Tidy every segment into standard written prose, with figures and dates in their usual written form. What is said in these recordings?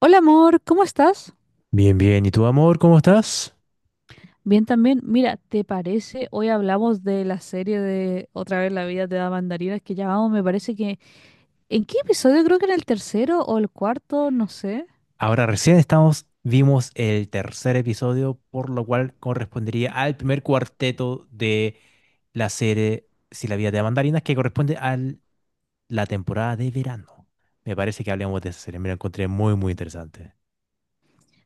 Hola amor, ¿cómo estás? Bien, bien. ¿Y tú, amor, cómo estás? Bien también. Mira, ¿te parece? Hoy hablamos de la serie de Otra vez la vida te da mandarinas que ya vamos, me parece que... ¿En qué episodio? Creo que en el tercero o el cuarto, no sé. Ahora recién estamos, vimos el tercer episodio, por lo cual correspondería al primer cuarteto de la serie Si la vida te da mandarinas, que corresponde a la temporada de verano. Me parece que hablemos de esa serie. Me la encontré muy, muy interesante.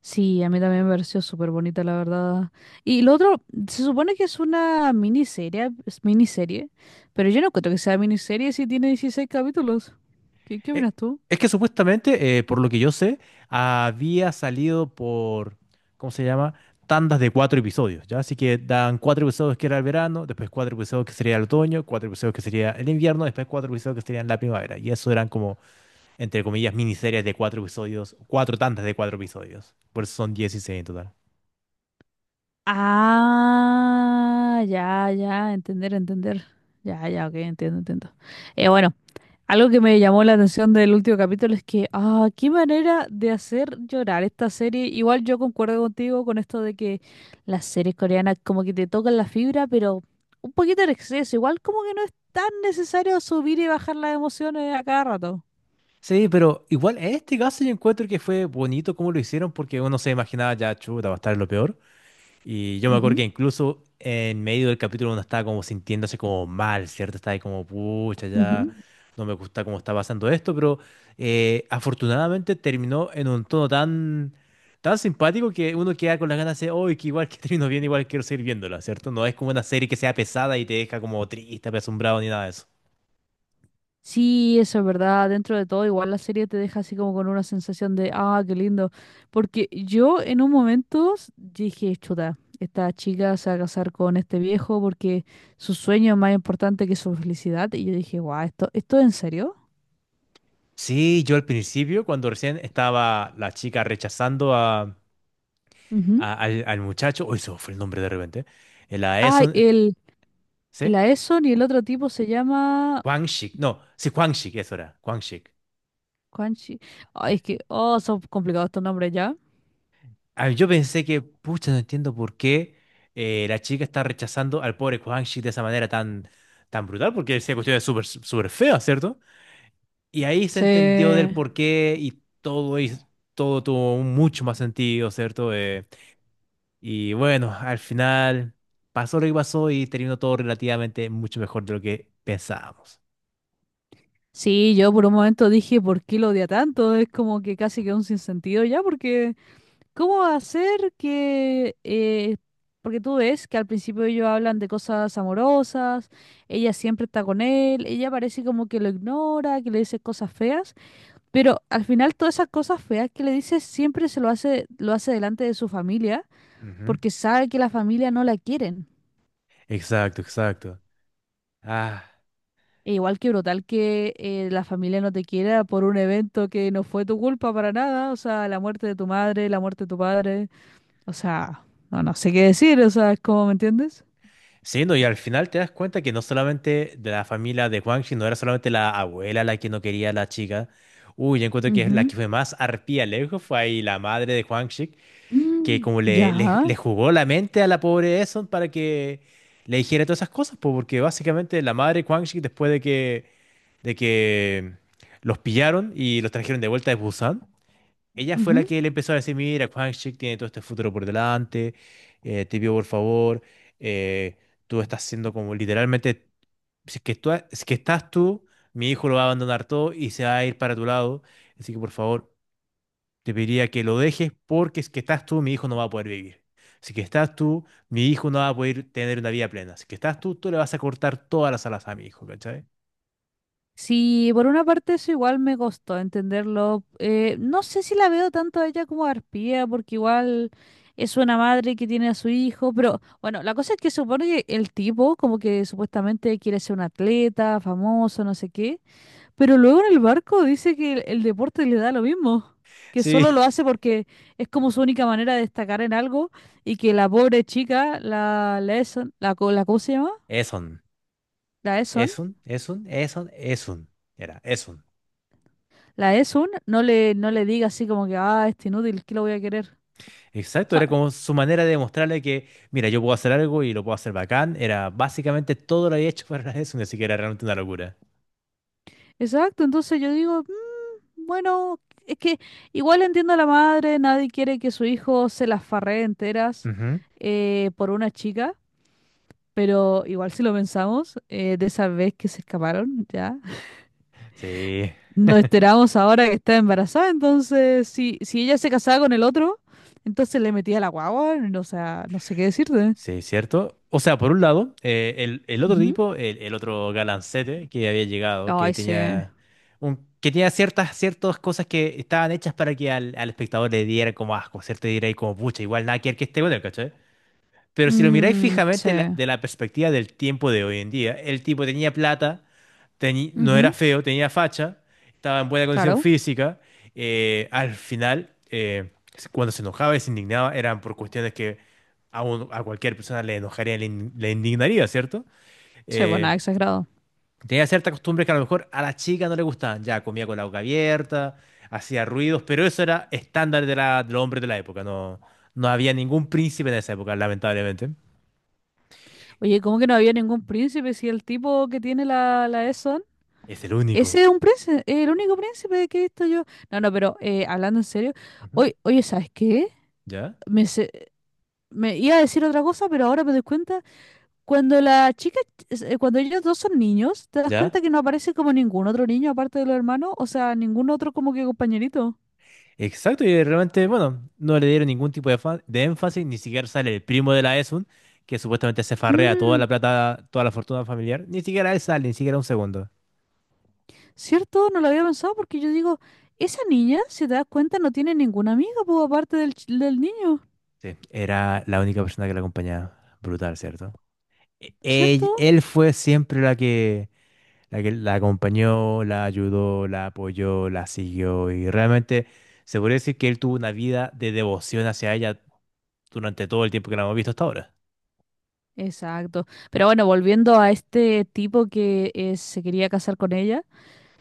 Sí, a mí también me pareció súper bonita, la verdad. Y lo otro, se supone que es una miniserie, es miniserie, pero yo no encuentro que sea miniserie si tiene 16 capítulos. ¿Qué Eh, opinas tú? Es que supuestamente, por lo que yo sé, había salido por, ¿cómo se llama? Tandas de cuatro episodios, ¿ya? Así que dan cuatro episodios que era el verano, después cuatro episodios que sería el otoño, cuatro episodios que sería el invierno, después cuatro episodios que serían la primavera. Y eso eran como, entre comillas, miniseries de cuatro episodios, cuatro tandas de cuatro episodios. Por eso son 16 en total. Ah, ya, ya, entender, entender. Ya, ya, ok, entiendo, entiendo. Bueno, algo que me llamó la atención del último capítulo es que, ah, qué manera de hacer llorar esta serie. Igual yo concuerdo contigo con esto de que las series coreanas como que te tocan la fibra, pero un poquito en exceso. Igual como que no es tan necesario subir y bajar las emociones a cada rato. Sí, pero igual en este caso yo encuentro que fue bonito como lo hicieron porque uno se imaginaba ya, chuta, va a estar lo peor. Y yo me acuerdo que Ujú, incluso en medio del capítulo uno estaba como sintiéndose como mal, ¿cierto? Estaba ahí como, pucha, ya ujú. no me gusta cómo está pasando esto, pero afortunadamente terminó en un tono tan, tan simpático que uno queda con las ganas de, oh, que igual que terminó bien, igual quiero seguir viéndola, ¿cierto? No es como una serie que sea pesada y te deja como triste, apesumbrado ni nada de eso. Sí, eso es verdad. Dentro de todo, igual la serie te deja así como con una sensación de, ah, qué lindo. Porque yo en un momento dije, chuta, esta chica se va a casar con este viejo porque su sueño es más importante que su felicidad. Y yo dije, guau, ¿esto es en serio? Sí, yo al principio, cuando recién estaba la chica rechazando a, Ujú. a- al, al muchacho, uy, se me fue el nombre de repente, la Ah, Eson, el ¿sí? Aeson y el otro tipo se llama Quanshik, no, sí, Quanshik, eso era, Quanshik. Quanchi. Sí. Ay, es que, oh, son complicados estos nombres ya. Ah, yo pensé que, pucha, no entiendo por qué la chica está rechazando al pobre Quanshik de esa manera tan, tan brutal, porque esa cuestión es súper, súper fea, ¿cierto? Y ahí se entendió del Sí, por qué y todo, todo tuvo un mucho más sentido, ¿cierto? Y bueno, al final pasó lo que pasó y terminó todo relativamente mucho mejor de lo que pensábamos. sí, yo por un momento dije, ¿por qué lo odia tanto? Es como que casi que un sinsentido ya, porque... ¿Cómo va a ser que, porque tú ves que al principio ellos hablan de cosas amorosas, ella siempre está con él, ella parece como que lo ignora, que le dice cosas feas, pero al final todas esas cosas feas que le dice siempre se lo hace delante de su familia, Ujú. porque sabe que la familia no la quieren. Exacto, exacto. Ah. E igual que brutal que la familia no te quiera por un evento que no fue tu culpa para nada, o sea, la muerte de tu madre, la muerte de tu padre, o sea, no sé qué decir, o sea, ¿cómo ¿me entiendes? Sí, no, y al final te das cuenta que no solamente de la familia de Huangxi, no era solamente la abuela la que no quería a la chica. Uy, yo encuentro que la Ujú. que fue más arpía lejos fue ahí la madre de Huangxi, que Mm, como le, le, ya, le jugó la mente a la pobre Eson para que le dijera todas esas cosas, po, porque básicamente la madre de Huangxi, después de que los pillaron y los trajeron de vuelta de Busan, ella fue la ujú. que le empezó a decir, mira, Kwangchuk tiene todo este futuro por delante, te pido por favor, eh, tú estás siendo como literalmente, si es que tú, si es que estás tú, mi hijo lo va a abandonar todo y se va a ir para tu lado, así que por favor, te pediría que lo dejes porque si es que estás tú, mi hijo no va a poder vivir. Si es que estás tú, mi hijo no va a poder tener una vida plena. Si es que estás tú, tú le vas a cortar todas las alas a mi hijo, ¿cachai? Sí, por una parte eso igual me costó entenderlo. No sé si la veo tanto a ella como a Arpía, porque igual es una madre que tiene a su hijo, pero bueno, la cosa es que supone que el tipo como que supuestamente quiere ser un atleta, famoso, no sé qué, pero luego en el barco dice que el deporte le da lo mismo, que solo Sí, lo hace porque es como su única manera de destacar en algo y que la pobre chica, la Lesson, la, co- la ¿cómo se llama? Eson, La Eson, Eson, Eson, Eson, Eson, era Eson. la Esun no le diga así como que, ah, este inútil, ¿qué lo voy a querer? O Exacto, sea, era como su manera de demostrarle que, mira, yo puedo hacer algo y lo puedo hacer bacán. Era básicamente todo lo había hecho para eso, ni siquiera era realmente una locura. exacto, entonces yo digo, "Mm, bueno, es que igual entiendo a la madre, nadie quiere que su hijo se las farree enteras Ujú. Por una chica, pero igual si lo pensamos, de esa vez que se escaparon, ya, Sí, nos enteramos ahora que está embarazada, entonces si ella se casaba con el otro, entonces le metía la guagua, no, o sea, no sé qué decirte. sí, cierto. O sea, por un lado, el otro Ujú. tipo, el otro galancete que había llegado, Ay, sí. Que tenía ciertas cosas que estaban hechas para que al espectador le diera como asco, ¿cierto? Y diréis como, pucha, igual nada que ver que este bueno, ¿cachai? Pero si lo miráis Mm, sí. fijamente de la perspectiva del tiempo de hoy en día, el tipo tenía plata, no era Ujú, feo, tenía facha, estaba en buena condición claro. física. Al final, cuando se enojaba y se indignaba, eran por cuestiones que a cualquier persona le enojaría, le indignaría, ¿cierto? Sí, pues Eh, nada, exagerado. tenía ciertas costumbres que a lo mejor a la chica no le gustaban. Ya comía con la boca abierta, hacía ruidos, pero eso era estándar de del hombre de la época. No, no había ningún príncipe en esa época, lamentablemente. Oye, ¿cómo que no había ningún príncipe si el tipo que tiene la Eson? Es el único. Ese es un príncipe, el único príncipe que he visto yo. No, no, pero hablando en serio, Ujú. oye, oye, ¿sabes qué? ¿Ya? Me, se- me iba a decir otra cosa, pero ahora me doy cuenta, cuando la chica, cuando ellos dos son niños, te das cuenta ¿Ya? que no aparece como ningún otro niño aparte de los hermanos, o sea, ningún otro como que compañerito. Exacto, y realmente, bueno, no le dieron ningún tipo de, de énfasis, ni siquiera sale el primo de la Esun, que supuestamente se farrea toda Mm. la plata, toda la fortuna familiar, ni siquiera él sale, ni siquiera un segundo. ¿Cierto? No lo había pensado porque yo digo, esa niña, si te das cuenta, no tiene ninguna amiga, pues, aparte del niño, Sí, era la única persona que la acompañaba. Brutal, ¿cierto? E- ell- ¿cierto? él fue siempre la que la acompañó, la ayudó, la apoyó, la siguió y realmente se podría decir que él tuvo una vida de devoción hacia ella durante todo el tiempo que la hemos visto hasta ahora. Exacto. Pero bueno, volviendo a este tipo que se quería casar con ella,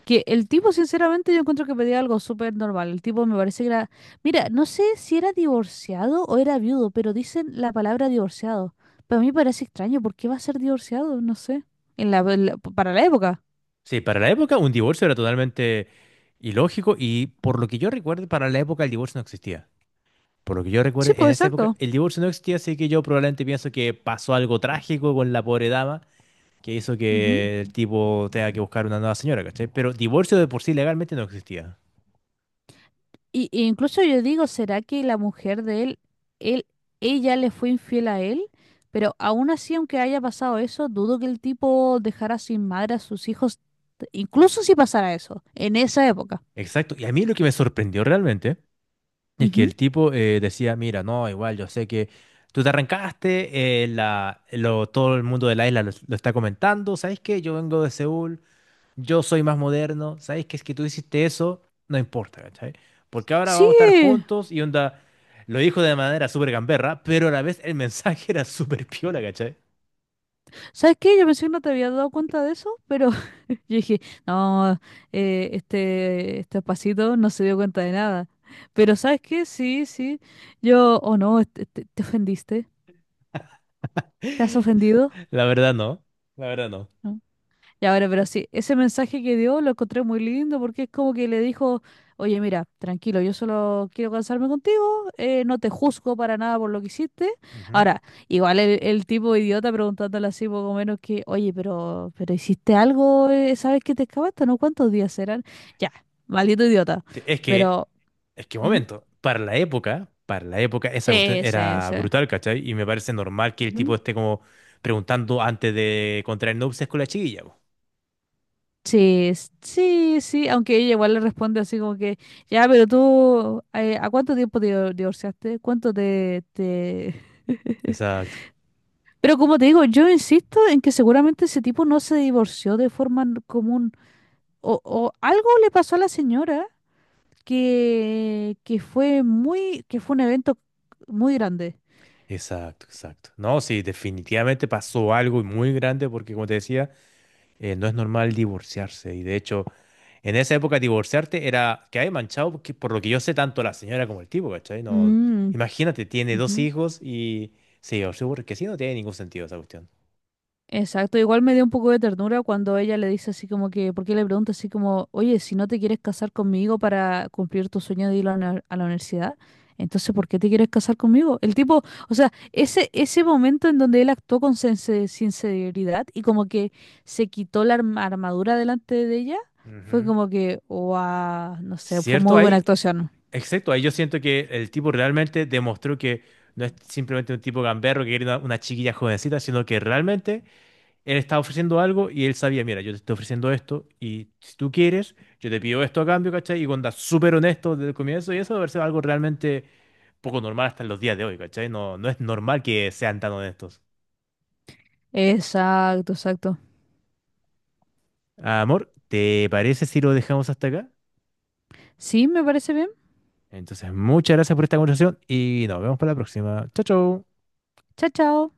que el tipo, sinceramente, yo encuentro que pedía algo súper normal. El tipo me parece que era, mira, no sé si era divorciado o era viudo, pero dicen la palabra divorciado. Para mí parece extraño, ¿por qué va a ser divorciado? No sé. Para la época. Sí, para la época un divorcio era totalmente ilógico y por lo que yo recuerdo, para la época el divorcio no existía. Por lo que yo recuerdo, Sí, pues, en esa época exacto. el divorcio no existía, así que yo probablemente pienso que pasó algo trágico con la pobre dama que hizo que el tipo tenga que buscar una nueva señora, ¿cachai? Pero divorcio de por sí legalmente no existía. Y incluso yo digo, ¿será que la mujer de él, él, ella le fue infiel a él? Pero aún así, aunque haya pasado eso, dudo que el tipo dejara sin madre a sus hijos, incluso si pasara eso, en esa época. Exacto. Y a mí lo que me sorprendió realmente es que Ujú. el tipo decía, mira, no, igual yo sé que tú te arrancaste, todo el mundo de la isla lo está comentando, ¿sabes qué? Yo vengo de Seúl, yo soy más moderno, ¿sabes? Que es que tú hiciste eso, no importa, ¿cachai? Porque ahora Sí, vamos a estar juntos y onda, lo dijo de manera súper gamberra, pero a la vez el mensaje era súper piola, ¿cachai? ¿sabes qué? Yo pensé que no te había dado cuenta de eso, pero yo dije, no, este pasito no se dio cuenta de nada. Pero ¿sabes qué? Sí, sí, yo, oh no, te ofendiste, ¿te has ofendido? La verdad no, la verdad no. ¿No? Ya, bueno, pero sí, ese mensaje que dio lo encontré muy lindo porque es como que le dijo, oye, mira, tranquilo, yo solo quiero cansarme contigo, no te juzgo para nada por lo que hiciste. Ujú. Ahora, igual el tipo idiota preguntándole así poco menos que, oye, pero hiciste algo, ¿sabes que te escapaste? ¿No? ¿Cuántos días eran? Ya, maldito idiota. Sí, Es que, Pero, es que un ¿mm? momento, para la época esa cuestión Sí, sí, era sí. brutal, ¿cachai? Y me parece normal que el tipo esté como preguntando antes de contraer nupcias con la chiquilla, po. Sí, sí, sí, aunque ella igual le responde así como que, ya, pero tú, ¿a cuánto tiempo te divorciaste? ¿Cuánto te, te... Exacto. Pero como te digo, yo insisto en que seguramente ese tipo no se divorció de forma común. O algo le pasó a la señora que fue muy, que fue un evento muy grande. Exacto, exacto. No, sí, definitivamente pasó algo muy grande porque, como te decía, no es normal divorciarse. Y de hecho, en esa época divorciarte era que hay manchado, porque, por lo que yo sé, tanto la señora como el tipo, ¿cachai? No, Mm, imagínate, tiene dos ujú. hijos y se divorció porque sí, no tiene ningún sentido esa cuestión. Exacto, igual me dio un poco de ternura cuando ella le dice así como que, porque le pregunta así como, oye, si no te quieres casar conmigo para cumplir tu sueño de ir a la, a la universidad, entonces ¿por qué te quieres casar conmigo? El tipo, o sea, ese momento en donde él actuó con sinceridad y como que se quitó la armadura delante de ella, fue Ujú. como que, wow, no sé, fue Cierto, muy buena ahí, actuación. exacto, ahí yo siento que el tipo realmente demostró que no es simplemente un tipo gamberro que quiere una chiquilla jovencita, sino que realmente él estaba ofreciendo algo y él sabía, mira, yo te estoy ofreciendo esto y si tú quieres, yo te pido esto a cambio, ¿cachai? Y cuando está súper honesto desde el comienzo y eso debe ser algo realmente poco normal hasta en los días de hoy, ¿cachai? No, no es normal que sean tan honestos. Exacto, exacto. Amor, ¿te parece si lo dejamos hasta acá? Sí, me parece bien. Entonces, muchas gracias por esta conversación y nos vemos para la próxima. Chao, chao. Chao, chao.